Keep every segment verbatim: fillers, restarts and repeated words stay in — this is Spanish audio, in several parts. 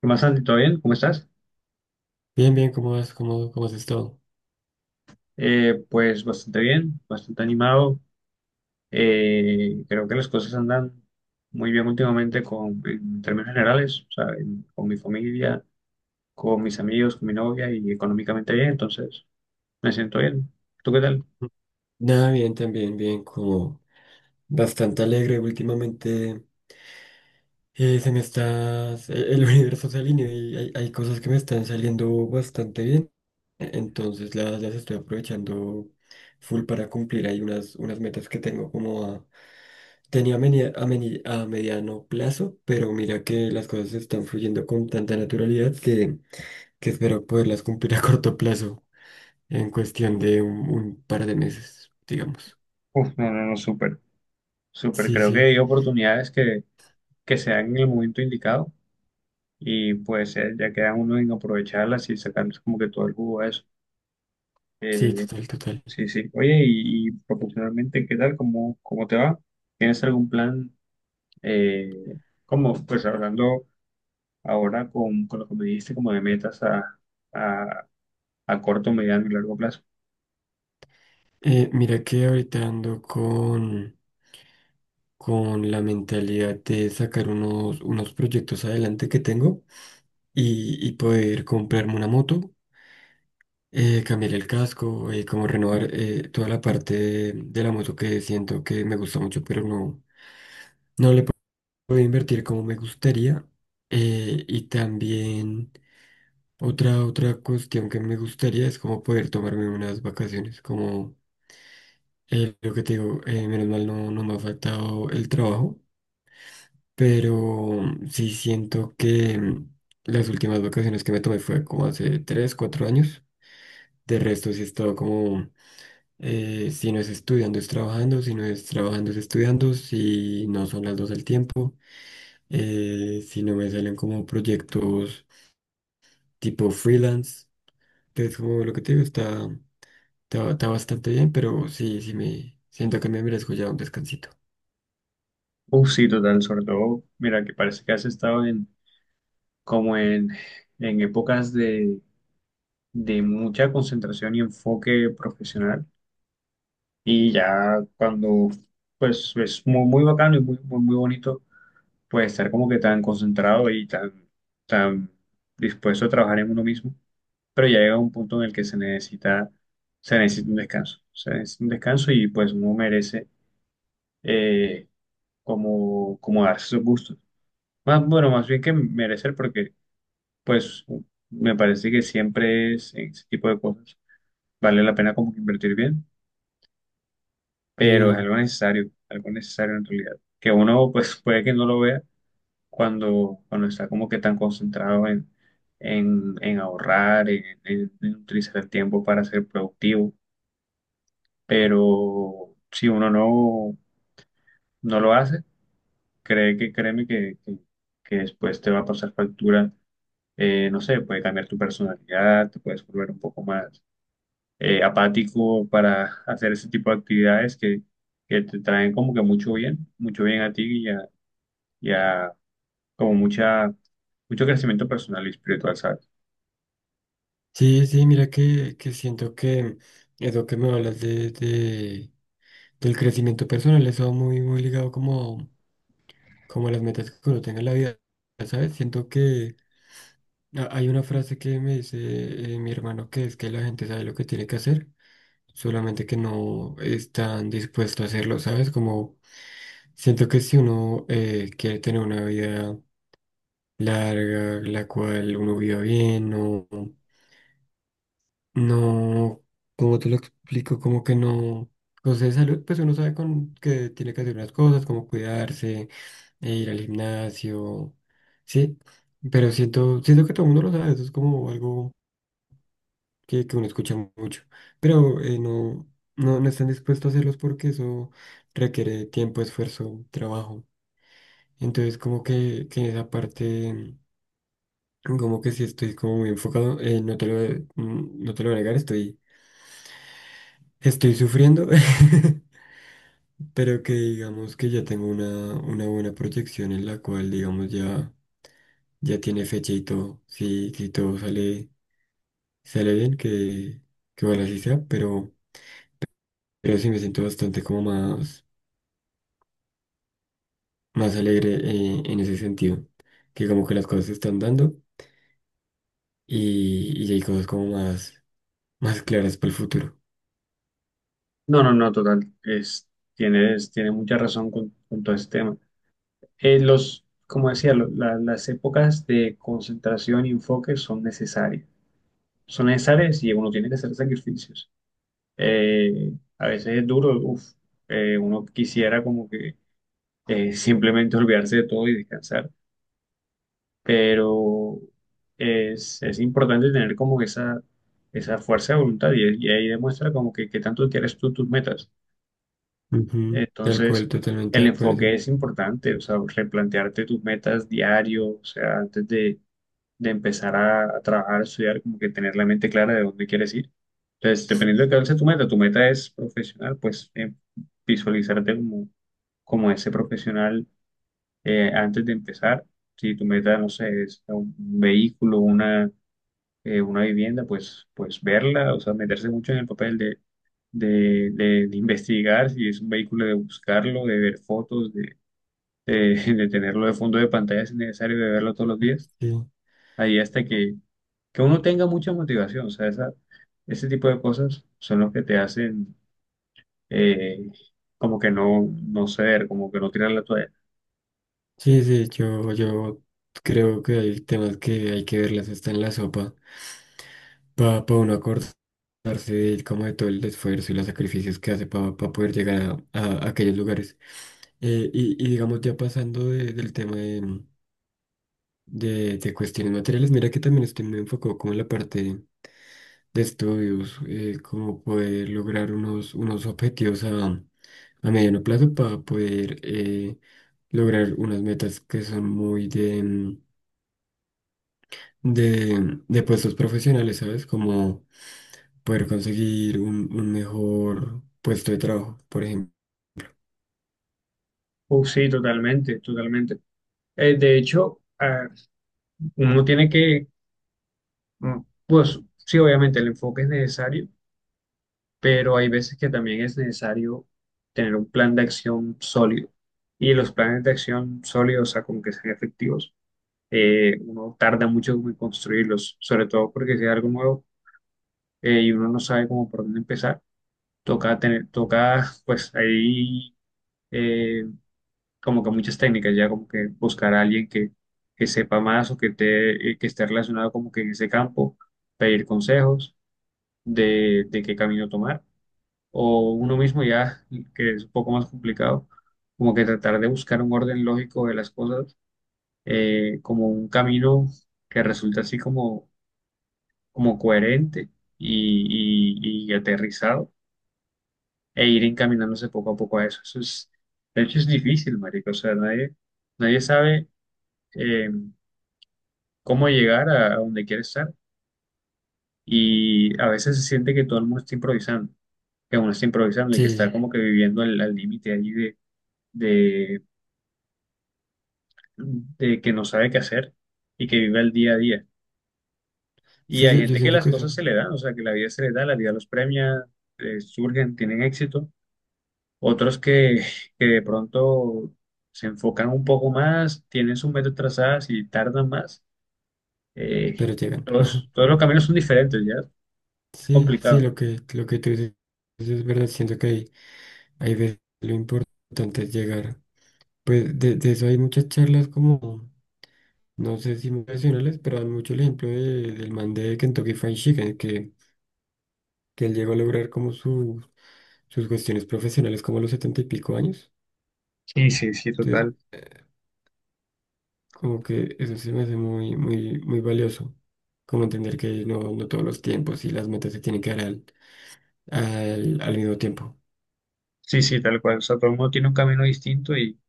¿Qué más, Santi? ¿Todo bien? ¿Cómo estás? Bien, bien, ¿cómo vas? ¿Cómo, cómo has estado? Eh, pues bastante bien, bastante animado. Eh, creo que las cosas andan muy bien últimamente con, en términos generales, o sea, en- con mi familia, con mis amigos, con mi novia y económicamente bien, entonces me siento bien. ¿Tú qué tal? Nada, bien, también, bien, como bastante alegre últimamente. Eh, se me está, el el universo se alinea y hay, hay cosas que me están saliendo bastante bien. e-, Entonces las, las estoy aprovechando full para cumplir. Hay unas, unas metas que tengo como a, tenía a, meni- a meni- a mediano plazo, pero mira que las cosas están fluyendo con tanta naturalidad que, que espero poderlas cumplir a corto plazo. En cuestión de un, un par de meses, digamos. Uf, no, no, no, súper, súper. Sí, Creo que sí, hay oportunidades que, que se dan en el momento indicado y pues eh, ya queda uno en aprovecharlas y sacarles como que todo el jugo a eso. sí, total, total. Sí, sí. Oye, y, y profesionalmente, ¿qué tal? ¿Cómo, cómo te va? ¿Tienes algún plan? Eh, ¿Cómo? Pues hablando ahora con, con lo que me dijiste, como de metas a, a, a corto, mediano y largo plazo. Eh, mira que ahorita ando con, con la mentalidad de sacar unos, unos proyectos adelante que tengo y, y poder comprarme una moto, eh, cambiar el casco, eh, como renovar eh, toda la parte de, de la moto, que siento que me gusta mucho, pero no puedo invertir como me gustaría. Eh, y también... Otra, otra cuestión que me gustaría es como poder tomarme unas vacaciones, como eh, lo que te digo. Eh, menos mal no, no me ha faltado el trabajo, pero mm, sí siento que mm, las últimas vacaciones que me tomé fue como hace tres cuatro años. De resto sí he estado como mm, eh, si no es estudiando es trabajando, si no es trabajando es estudiando, si no son las dos al tiempo, eh, si no me salen como proyectos tipo freelance. Entonces, como lo que te digo, está... Está, está bastante bien, pero sí, sí me siento que me merezco ya un descansito. Uf, sí, total, sobre todo, mira, que parece que has estado en, como en, en épocas de, de mucha concentración y enfoque profesional. Y ya cuando, pues, es muy, muy bacano y muy, muy, muy bonito pues estar como que tan concentrado y tan, tan dispuesto a trabajar en uno mismo, pero ya llega un punto en el que se necesita, se necesita un descanso, se necesita un descanso y pues uno merece eh, como, como darse sus gustos. Más, bueno, más bien que merecer porque pues me parece que siempre es en ese tipo de cosas, vale la pena como que invertir bien, Sí, pero es algo necesario, algo necesario en realidad, que uno pues puede que no lo vea cuando, cuando está como que tan concentrado en, en, en ahorrar, en, en- en utilizar el tiempo para ser productivo. Pero si uno no, no lo hace, cree que, créeme que, que, que después te va a pasar factura, eh, no sé, puede cambiar tu personalidad, te puedes volver un poco más eh, apático para hacer ese tipo de actividades que, que te traen como que mucho bien, mucho bien a ti y a, y a como mucha, mucho crecimiento personal y espiritual, ¿sabes? sí, sí, mira que, que siento que eso que me hablas de, de- del crecimiento personal. Eso va muy, muy ligado, como, como a las metas que uno tenga en la vida, ¿sabes? Siento que a- hay una frase que me dice eh, mi hermano, que es que la gente sabe lo que tiene que hacer, solamente que no están dispuestos a hacerlo, ¿sabes? Como, siento que si uno eh, quiere tener una vida larga, la cual uno viva bien, no, no, como te lo explico, como que no, cosas de salud, pues uno sabe, con, que tiene que hacer unas cosas, como cuidarse, e ir al gimnasio, sí, pero siento, siento que todo el mundo lo sabe. Eso es como algo que, que uno escucha mucho, pero eh, no, no, no están dispuestos a hacerlos, porque eso requiere tiempo, esfuerzo, trabajo. Entonces, como que, que en esa parte... Como que sí estoy como muy enfocado, eh, no te lo, mm, no te lo voy a negar, estoy, estoy sufriendo, pero que digamos que ya tengo una, una buena proyección, en la cual digamos ya, ya tiene fecha y todo, si, si todo sale, sale bien, que, que bueno así sea, pero, pero sí me siento bastante como más, más alegre eh, en ese sentido, que como que las cosas se están dando, y, y ya hay cosas como más, más claras para el futuro. No, no, no, total. Es, tienes, tiene mucha razón con, con todo este tema. Eh, los, como decía, lo- la- las épocas de concentración y enfoque son necesarias. Son necesarias y uno tiene que hacer sacrificios. Eh, a veces es duro, uf, eh, uno quisiera como que eh, simplemente olvidarse de todo y descansar, pero es, es importante tener como esa, esa fuerza de voluntad y, y ahí demuestra como que, que tanto quieres tú tus metas. Ujú, tal cual, Entonces, totalmente el de acuerdo. enfoque es importante, o sea, replantearte tus metas diario, o sea, antes de, de empezar a, a trabajar, a estudiar, como que tener la mente clara de dónde quieres ir. Entonces, dependiendo de cuál sea tu meta, tu meta es profesional, pues eh, visualizarte como, como ese profesional eh, antes de empezar. Si tu meta, no sé, es un, un vehículo, una eh, una vivienda, pues, pues verla, o sea, meterse mucho en el papel de, de, de- de investigar si es un vehículo, de buscarlo, de ver fotos, de, de, de tenerlo de fondo de pantalla si es necesario, de verlo todos los días, Sí. ahí hasta que, que uno tenga mucha motivación, o sea, esa, ese tipo de cosas son los que te hacen eh, como que no, no ceder, como que no tirar la toalla. Sí, sí, yo, yo creo que hay temas que hay que verlas hasta en la sopa, para uno acordarse de, como de todo el esfuerzo y los sacrificios que hace para poder llegar a, a aquellos lugares. Eh, y, y digamos, ya pasando de- del tema de, de, de cuestiones materiales, mira que también estoy muy enfocado como en la parte de estudios, eh, como poder lograr unos, unos objetivos a, a mediano plazo, para poder eh, lograr unas metas que son muy de... de, de puestos profesionales, ¿sabes? Como poder conseguir un, un mejor puesto de trabajo, por ejemplo. Uh, sí, totalmente, totalmente. Eh, de hecho, ah, uno tiene que, mm, pues sí, obviamente el enfoque es necesario, pero hay veces que también es necesario tener un plan de acción sólido. Y los planes de acción sólidos, o sea, como que sean efectivos, eh, uno tarda mucho en construirlos, sobre todo porque si es algo nuevo eh, y uno no sabe cómo por dónde empezar, toca tener, toca, pues ahí eh, como que muchas técnicas, ya como que buscar a alguien que, que sepa más o que, te, eh, que esté relacionado como que en ese campo, pedir consejos de, de qué camino tomar o uno mismo ya, que es un poco más complicado, como que tratar de buscar un orden lógico de las cosas, eh, como un camino que resulta así como, como coherente y, y- y aterrizado, e ir encaminándose poco a poco a eso. Eso es, de hecho es difícil, marico, o sea, nadie, nadie sabe eh, cómo llegar a, a donde quiere estar y a veces se siente que todo el mundo está improvisando, que uno está improvisando y que está Sí, como que viviendo al al límite ahí de de de que no sabe qué hacer y que vive el día a día. Y sí, hay yo, yo gente que siento las que eso, cosas se le dan, o sea, que la vida se le da, la vida los premia, eh, surgen, tienen éxito. Otros que, que de pronto se enfocan un poco más, tienen sus metas trazadas y tardan más. Eh, pero llegan. Todos, todos los caminos son diferentes, ya. Es Sí, sí, complicado. lo que, lo que tú dices es verdad. Siento que hay, hay veces lo importante es llegar. Pues de, de eso hay muchas charlas, como, no sé si profesionales, pero dan mucho el ejemplo de- del man de Kentucky Fried Chicken, que, que él llegó a lograr como su, sus cuestiones profesionales como a los setenta y pico años. Sí, sí, sí, Entonces, total. como que eso se me hace muy, muy, muy valioso. Como entender que no, no todos los tiempos y las metas se tienen que dar al, al, al mismo tiempo. Sí, sí, tal cual. O sea, todo el mundo tiene un camino distinto y,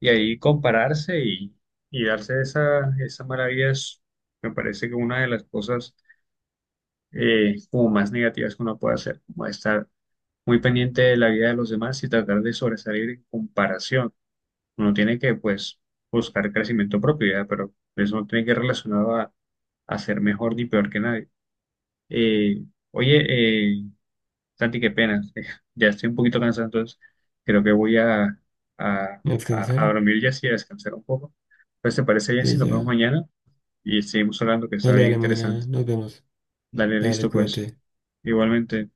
y ahí compararse y, y darse esa, esa maravilla es- me parece que una de las cosas eh, como más negativas que uno puede hacer, como estar muy pendiente de la vida de los demás y tratar de sobresalir en comparación. Uno tiene que, pues, buscar crecimiento propio, ya, pero eso no tiene que ir relacionado a, a ser mejor ni peor que nadie. Eh, Oye, eh, Santi, qué pena, ya estoy un poquito cansado, entonces creo que voy a, a, A a, a descansar. dormir ya así, a descansar un poco. Pues, ¿te parece bien Sí, si nos vemos ya. mañana? Y seguimos hablando, que está Dale, bien dale, mañana interesante. nos vemos. Dale, Dale, listo, pues. cuídate. Igualmente.